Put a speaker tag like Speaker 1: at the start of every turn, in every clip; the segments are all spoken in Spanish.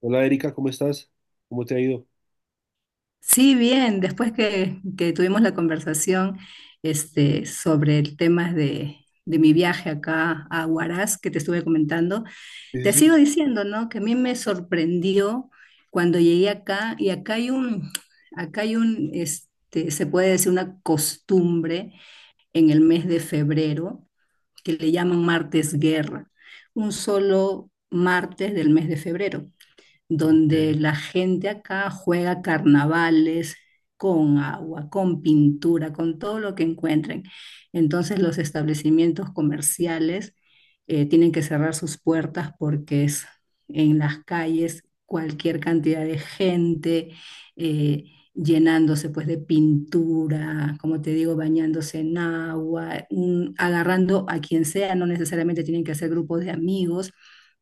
Speaker 1: Hola Erika, ¿cómo estás? ¿Cómo te ha ido?
Speaker 2: Sí, bien, después que tuvimos la conversación, sobre el tema de mi viaje acá a Huaraz, que te estuve comentando,
Speaker 1: Sí,
Speaker 2: te
Speaker 1: sí,
Speaker 2: sigo
Speaker 1: sí.
Speaker 2: diciendo, ¿no? Que a mí me sorprendió cuando llegué acá, y acá hay un, se puede decir una costumbre en el mes de febrero, que le llaman martes guerra, un solo martes del mes de febrero
Speaker 1: Ok.
Speaker 2: donde la gente acá juega carnavales con agua, con pintura, con todo lo que encuentren. Entonces los establecimientos comerciales tienen que cerrar sus puertas porque es en las calles cualquier cantidad de gente, eh, llenándose pues de pintura, como te digo, bañándose en agua, agarrando a quien sea, no necesariamente tienen que ser grupos de amigos,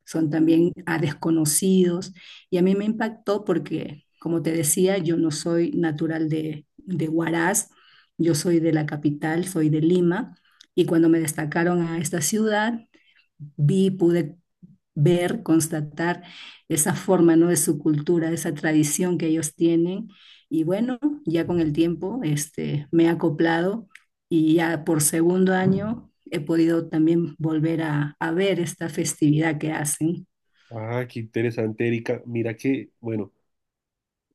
Speaker 2: son también a desconocidos. Y a mí me impactó porque, como te decía, yo no soy natural de Huaraz, yo soy de la capital, soy de Lima, y cuando me destacaron a esta ciudad, pude ver, constatar esa forma, ¿no? de su cultura, esa tradición que ellos tienen. Y bueno, ya con el tiempo, me he acoplado y ya por segundo año he podido también volver a ver esta festividad que hacen.
Speaker 1: Ah, qué interesante Erika. Mira que, bueno,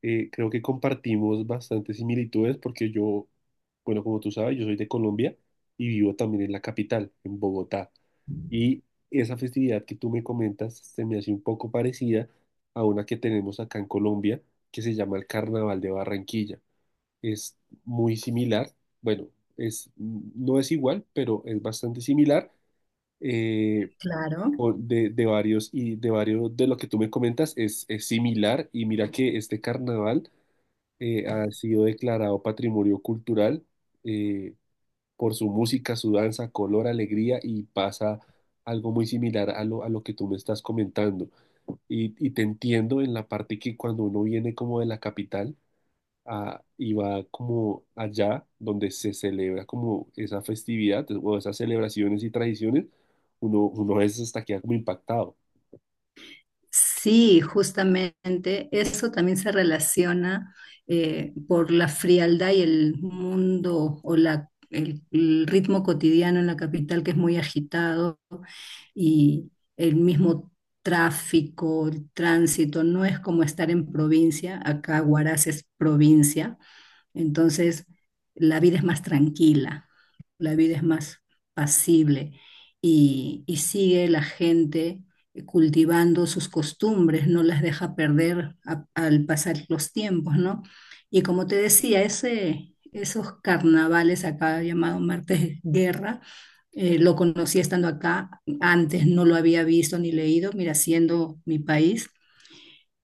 Speaker 1: creo que compartimos bastantes similitudes porque yo, bueno, como tú sabes, yo soy de Colombia y vivo también en la capital, en Bogotá. Y esa festividad que tú me comentas se me hace un poco parecida a una que tenemos acá en Colombia, que se llama el Carnaval de Barranquilla. Es muy similar, bueno, es, no es igual, pero es bastante similar. Eh,
Speaker 2: Claro.
Speaker 1: o de varios y de varios de lo que tú me comentas es similar y mira que este carnaval ha sido declarado patrimonio cultural eh, por su música, su danza, color, alegría y pasa algo muy similar a a lo que tú me estás comentando. Y te entiendo en la parte que cuando uno viene como de la capital y va como allá donde se celebra como esa festividad o esas celebraciones y tradiciones, uno a veces hasta queda como impactado.
Speaker 2: Sí, justamente eso también se relaciona, por la frialdad y el mundo o el ritmo cotidiano en la capital que es muy agitado, y el mismo tráfico, el tránsito, no es como estar en provincia, acá Huaraz es provincia, entonces, la vida es más tranquila, la vida es más pasible, y sigue la gente cultivando sus costumbres, no las deja perder al pasar los tiempos, ¿no? Y como te decía, ese, esos carnavales acá llamado Martes Guerra, lo conocí estando acá, antes no lo había visto ni leído, mira, siendo mi país,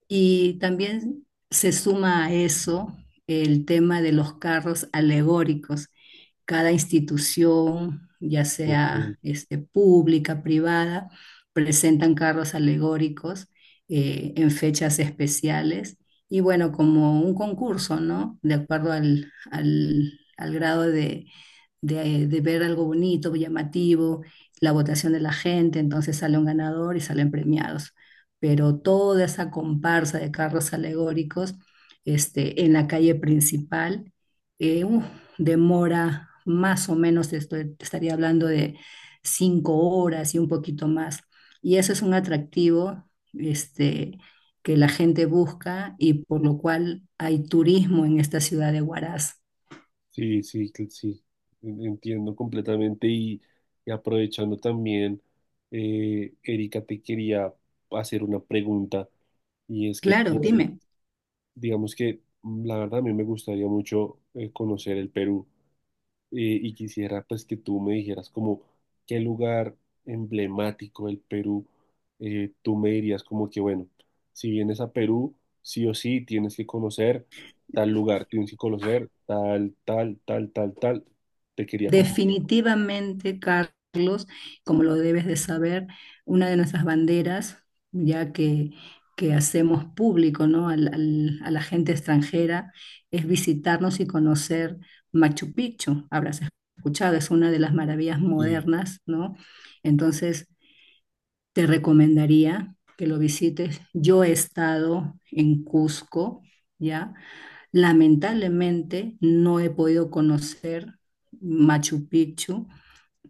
Speaker 2: y también se suma a eso el tema de los carros alegóricos. Cada institución, ya
Speaker 1: Ok.
Speaker 2: sea, pública, privada, presentan carros alegóricos en fechas especiales. Y bueno, como un concurso, ¿no? De acuerdo al grado de ver algo bonito, llamativo, la votación de la gente, entonces sale un ganador y salen premiados. Pero toda esa comparsa de carros alegóricos, en la calle principal, eh, uf, demora más o menos, te estaría hablando de 5 horas y un poquito más. Y eso es un atractivo, este, que la gente busca y por lo cual hay turismo en esta ciudad de Huaraz.
Speaker 1: Sí, sí, sí, entiendo completamente y aprovechando también, Erika, te quería hacer una pregunta y es que,
Speaker 2: Claro,
Speaker 1: pues,
Speaker 2: dime.
Speaker 1: digamos que la verdad a mí me gustaría mucho conocer el Perú. eh, y quisiera pues que tú me dijeras como qué lugar emblemático del Perú, tú me dirías como que bueno, si vienes a Perú, sí o sí tienes que conocer tal lugar, tienes que conocer tal, tal, tal, tal, tal. Te quería como...
Speaker 2: Definitivamente, Carlos, como lo debes de saber, una de nuestras banderas, ya que hacemos público, ¿no? A la gente extranjera, es visitarnos y conocer Machu Picchu. Habrás escuchado, es una de las maravillas
Speaker 1: Sí,
Speaker 2: modernas, ¿no? Entonces, te recomendaría que lo visites. Yo he estado en Cusco, ¿ya? Lamentablemente, no he podido conocer Machu Picchu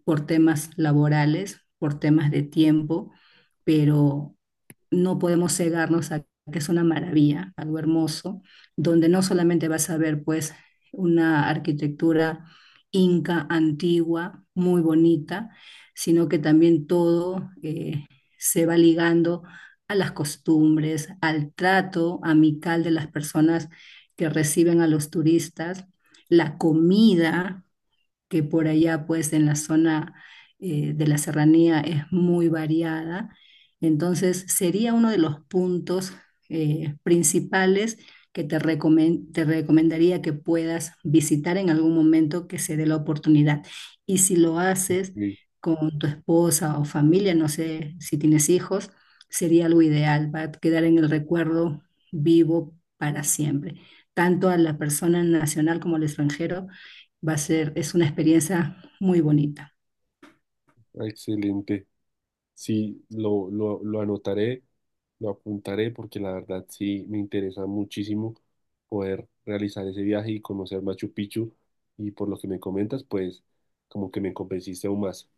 Speaker 2: por temas laborales, por temas de tiempo, pero no podemos cegarnos a que es una maravilla, algo hermoso, donde no solamente vas a ver pues una arquitectura inca antigua, muy bonita, sino que también todo, se va ligando a las costumbres, al trato amical de las personas que reciben a los turistas, la comida, que por allá pues en la zona, de la serranía es muy variada. Entonces sería uno de los puntos, principales que te recomendaría que puedas visitar en algún momento que se dé la oportunidad. Y si lo haces
Speaker 1: ok,
Speaker 2: con tu esposa o familia, no sé si tienes hijos, sería algo ideal, va a quedar en el recuerdo vivo para siempre, tanto a la persona nacional como al extranjero va a ser, es una experiencia muy bonita.
Speaker 1: excelente. Sí, lo anotaré, lo apuntaré porque la verdad sí me interesa muchísimo poder realizar ese viaje y conocer Machu Picchu, y por lo que me comentas, pues como que me convenciste aún más.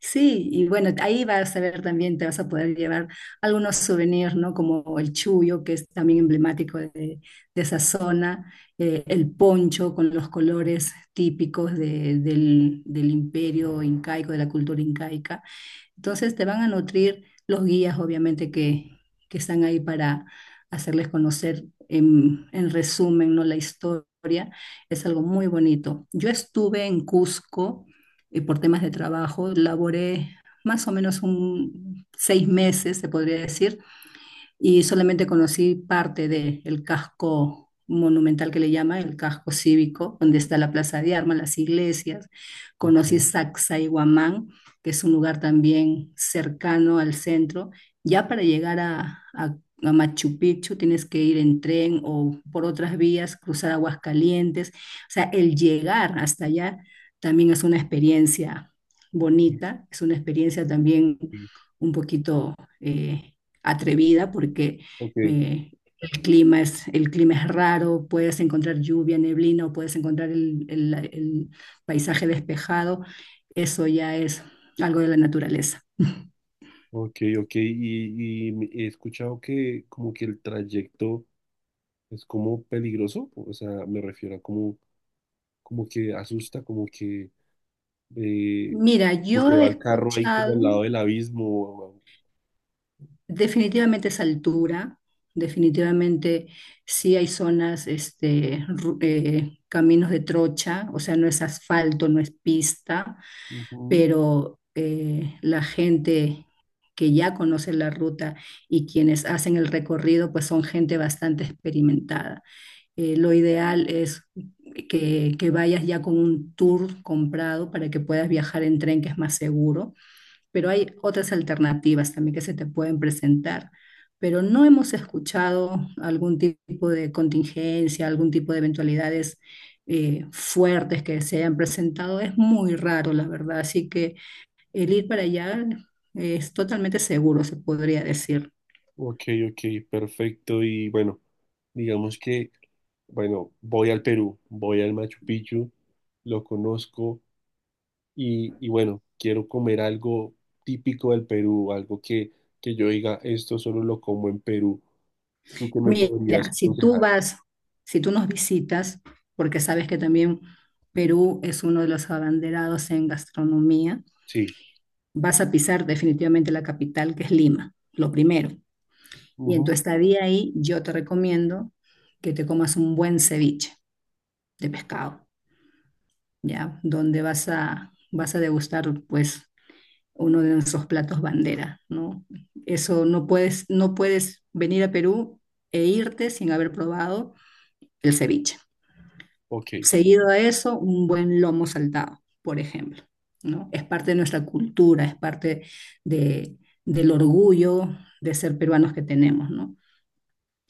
Speaker 2: Sí, y bueno, ahí vas a ver también, te vas a poder llevar algunos souvenirs, ¿no? Como el chullo, que es también emblemático de esa zona, el poncho con los colores típicos del, del imperio incaico, de la cultura incaica. Entonces te van a nutrir los guías, obviamente, que están ahí para hacerles conocer en resumen, ¿no? La historia. Es algo muy bonito. Yo estuve en Cusco y por temas de trabajo, laboré más o menos un 6 meses, se podría decir, y solamente conocí parte del casco monumental que le llama, el casco cívico, donde está la Plaza de Armas, las iglesias.
Speaker 1: Ok,
Speaker 2: Conocí Sacsayhuamán, que es un lugar también cercano al centro. Ya para llegar a Machu Picchu tienes que ir en tren o por otras vías, cruzar Aguascalientes. O sea, el llegar hasta allá también es una experiencia
Speaker 1: ok.
Speaker 2: bonita, es una experiencia también un poquito, eh, atrevida porque,
Speaker 1: Ok,
Speaker 2: eh, el clima es, el clima es raro, puedes encontrar lluvia, neblina o puedes encontrar el paisaje despejado. Eso ya es algo de la naturaleza.
Speaker 1: ok, ok. Y, he escuchado que como que el trayecto es como peligroso, o sea, me refiero a como, como que asusta, eh,
Speaker 2: Mira,
Speaker 1: como
Speaker 2: yo
Speaker 1: que
Speaker 2: he
Speaker 1: va el carro ahí como
Speaker 2: escuchado
Speaker 1: al lado del abismo.
Speaker 2: definitivamente esa altura, definitivamente sí hay zonas, caminos de trocha, o sea, no es asfalto, no es pista,
Speaker 1: Ujú.
Speaker 2: pero la gente que ya conoce la ruta y quienes hacen el recorrido, pues son gente bastante experimentada. Lo ideal es que vayas ya con un tour comprado para que puedas viajar en tren, que es más seguro, pero hay otras alternativas también que se te pueden presentar. Pero no hemos escuchado algún tipo de contingencia, algún tipo de eventualidades fuertes que se hayan presentado. Es muy raro, la verdad. Así que el ir para allá es totalmente seguro, se podría decir.
Speaker 1: Ok, ok, perfecto. Y bueno, digamos que, bueno, voy al Perú, voy al Machu Picchu, lo conozco y bueno, quiero comer algo típico del Perú, algo que yo diga, esto solo lo como en Perú. ¿Tú qué me
Speaker 2: Mira,
Speaker 1: podrías
Speaker 2: si tú
Speaker 1: aconsejar?
Speaker 2: vas, si tú nos visitas, porque sabes que también Perú es uno de los abanderados en gastronomía,
Speaker 1: Sí.
Speaker 2: vas a pisar definitivamente la capital, que es Lima, lo primero. Y en tu
Speaker 1: Ujú.
Speaker 2: estadía ahí, yo te recomiendo que te comas un buen ceviche de pescado, ¿ya? Donde vas a degustar, pues, uno de nuestros platos bandera, ¿no? Eso no puedes, no puedes venir a Perú e irte sin haber probado el ceviche.
Speaker 1: Ok.
Speaker 2: Seguido a eso, un buen lomo saltado, por ejemplo, ¿no? Es parte de nuestra cultura, es parte de, del orgullo de ser peruanos que tenemos, ¿no?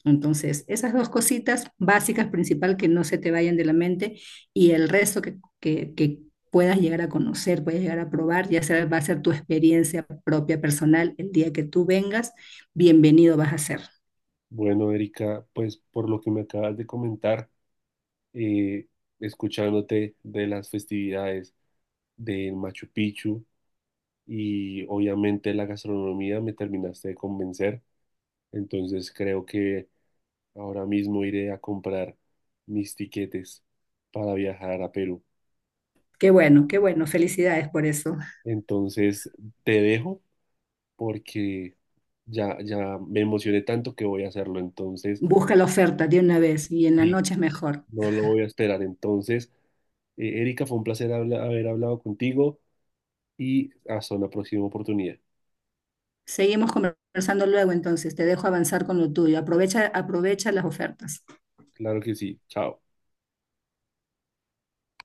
Speaker 2: Entonces, esas dos cositas básicas, principal, que no se te vayan de la mente y el resto que puedas llegar a conocer, puedas llegar a probar, ya sea, va a ser tu experiencia propia, personal, el día que tú vengas, bienvenido vas a ser.
Speaker 1: Bueno, Erika, pues por lo que me acabas de comentar, eh, escuchándote de las festividades del Machu Picchu, y obviamente la gastronomía, me terminaste de convencer, entonces creo que ahora mismo iré a comprar mis tiquetes para viajar a Perú.
Speaker 2: Qué bueno, felicidades por eso.
Speaker 1: Entonces te dejo porque ya me emocioné tanto que voy a hacerlo, entonces
Speaker 2: Busca la oferta de una vez y en la
Speaker 1: sí,
Speaker 2: noche es mejor.
Speaker 1: no lo voy a esperar. Entonces, Erika, fue un placer haber hablado contigo y hasta una próxima oportunidad.
Speaker 2: Seguimos conversando luego entonces, te dejo avanzar con lo tuyo, aprovecha, aprovecha las ofertas.
Speaker 1: Claro que sí, chao.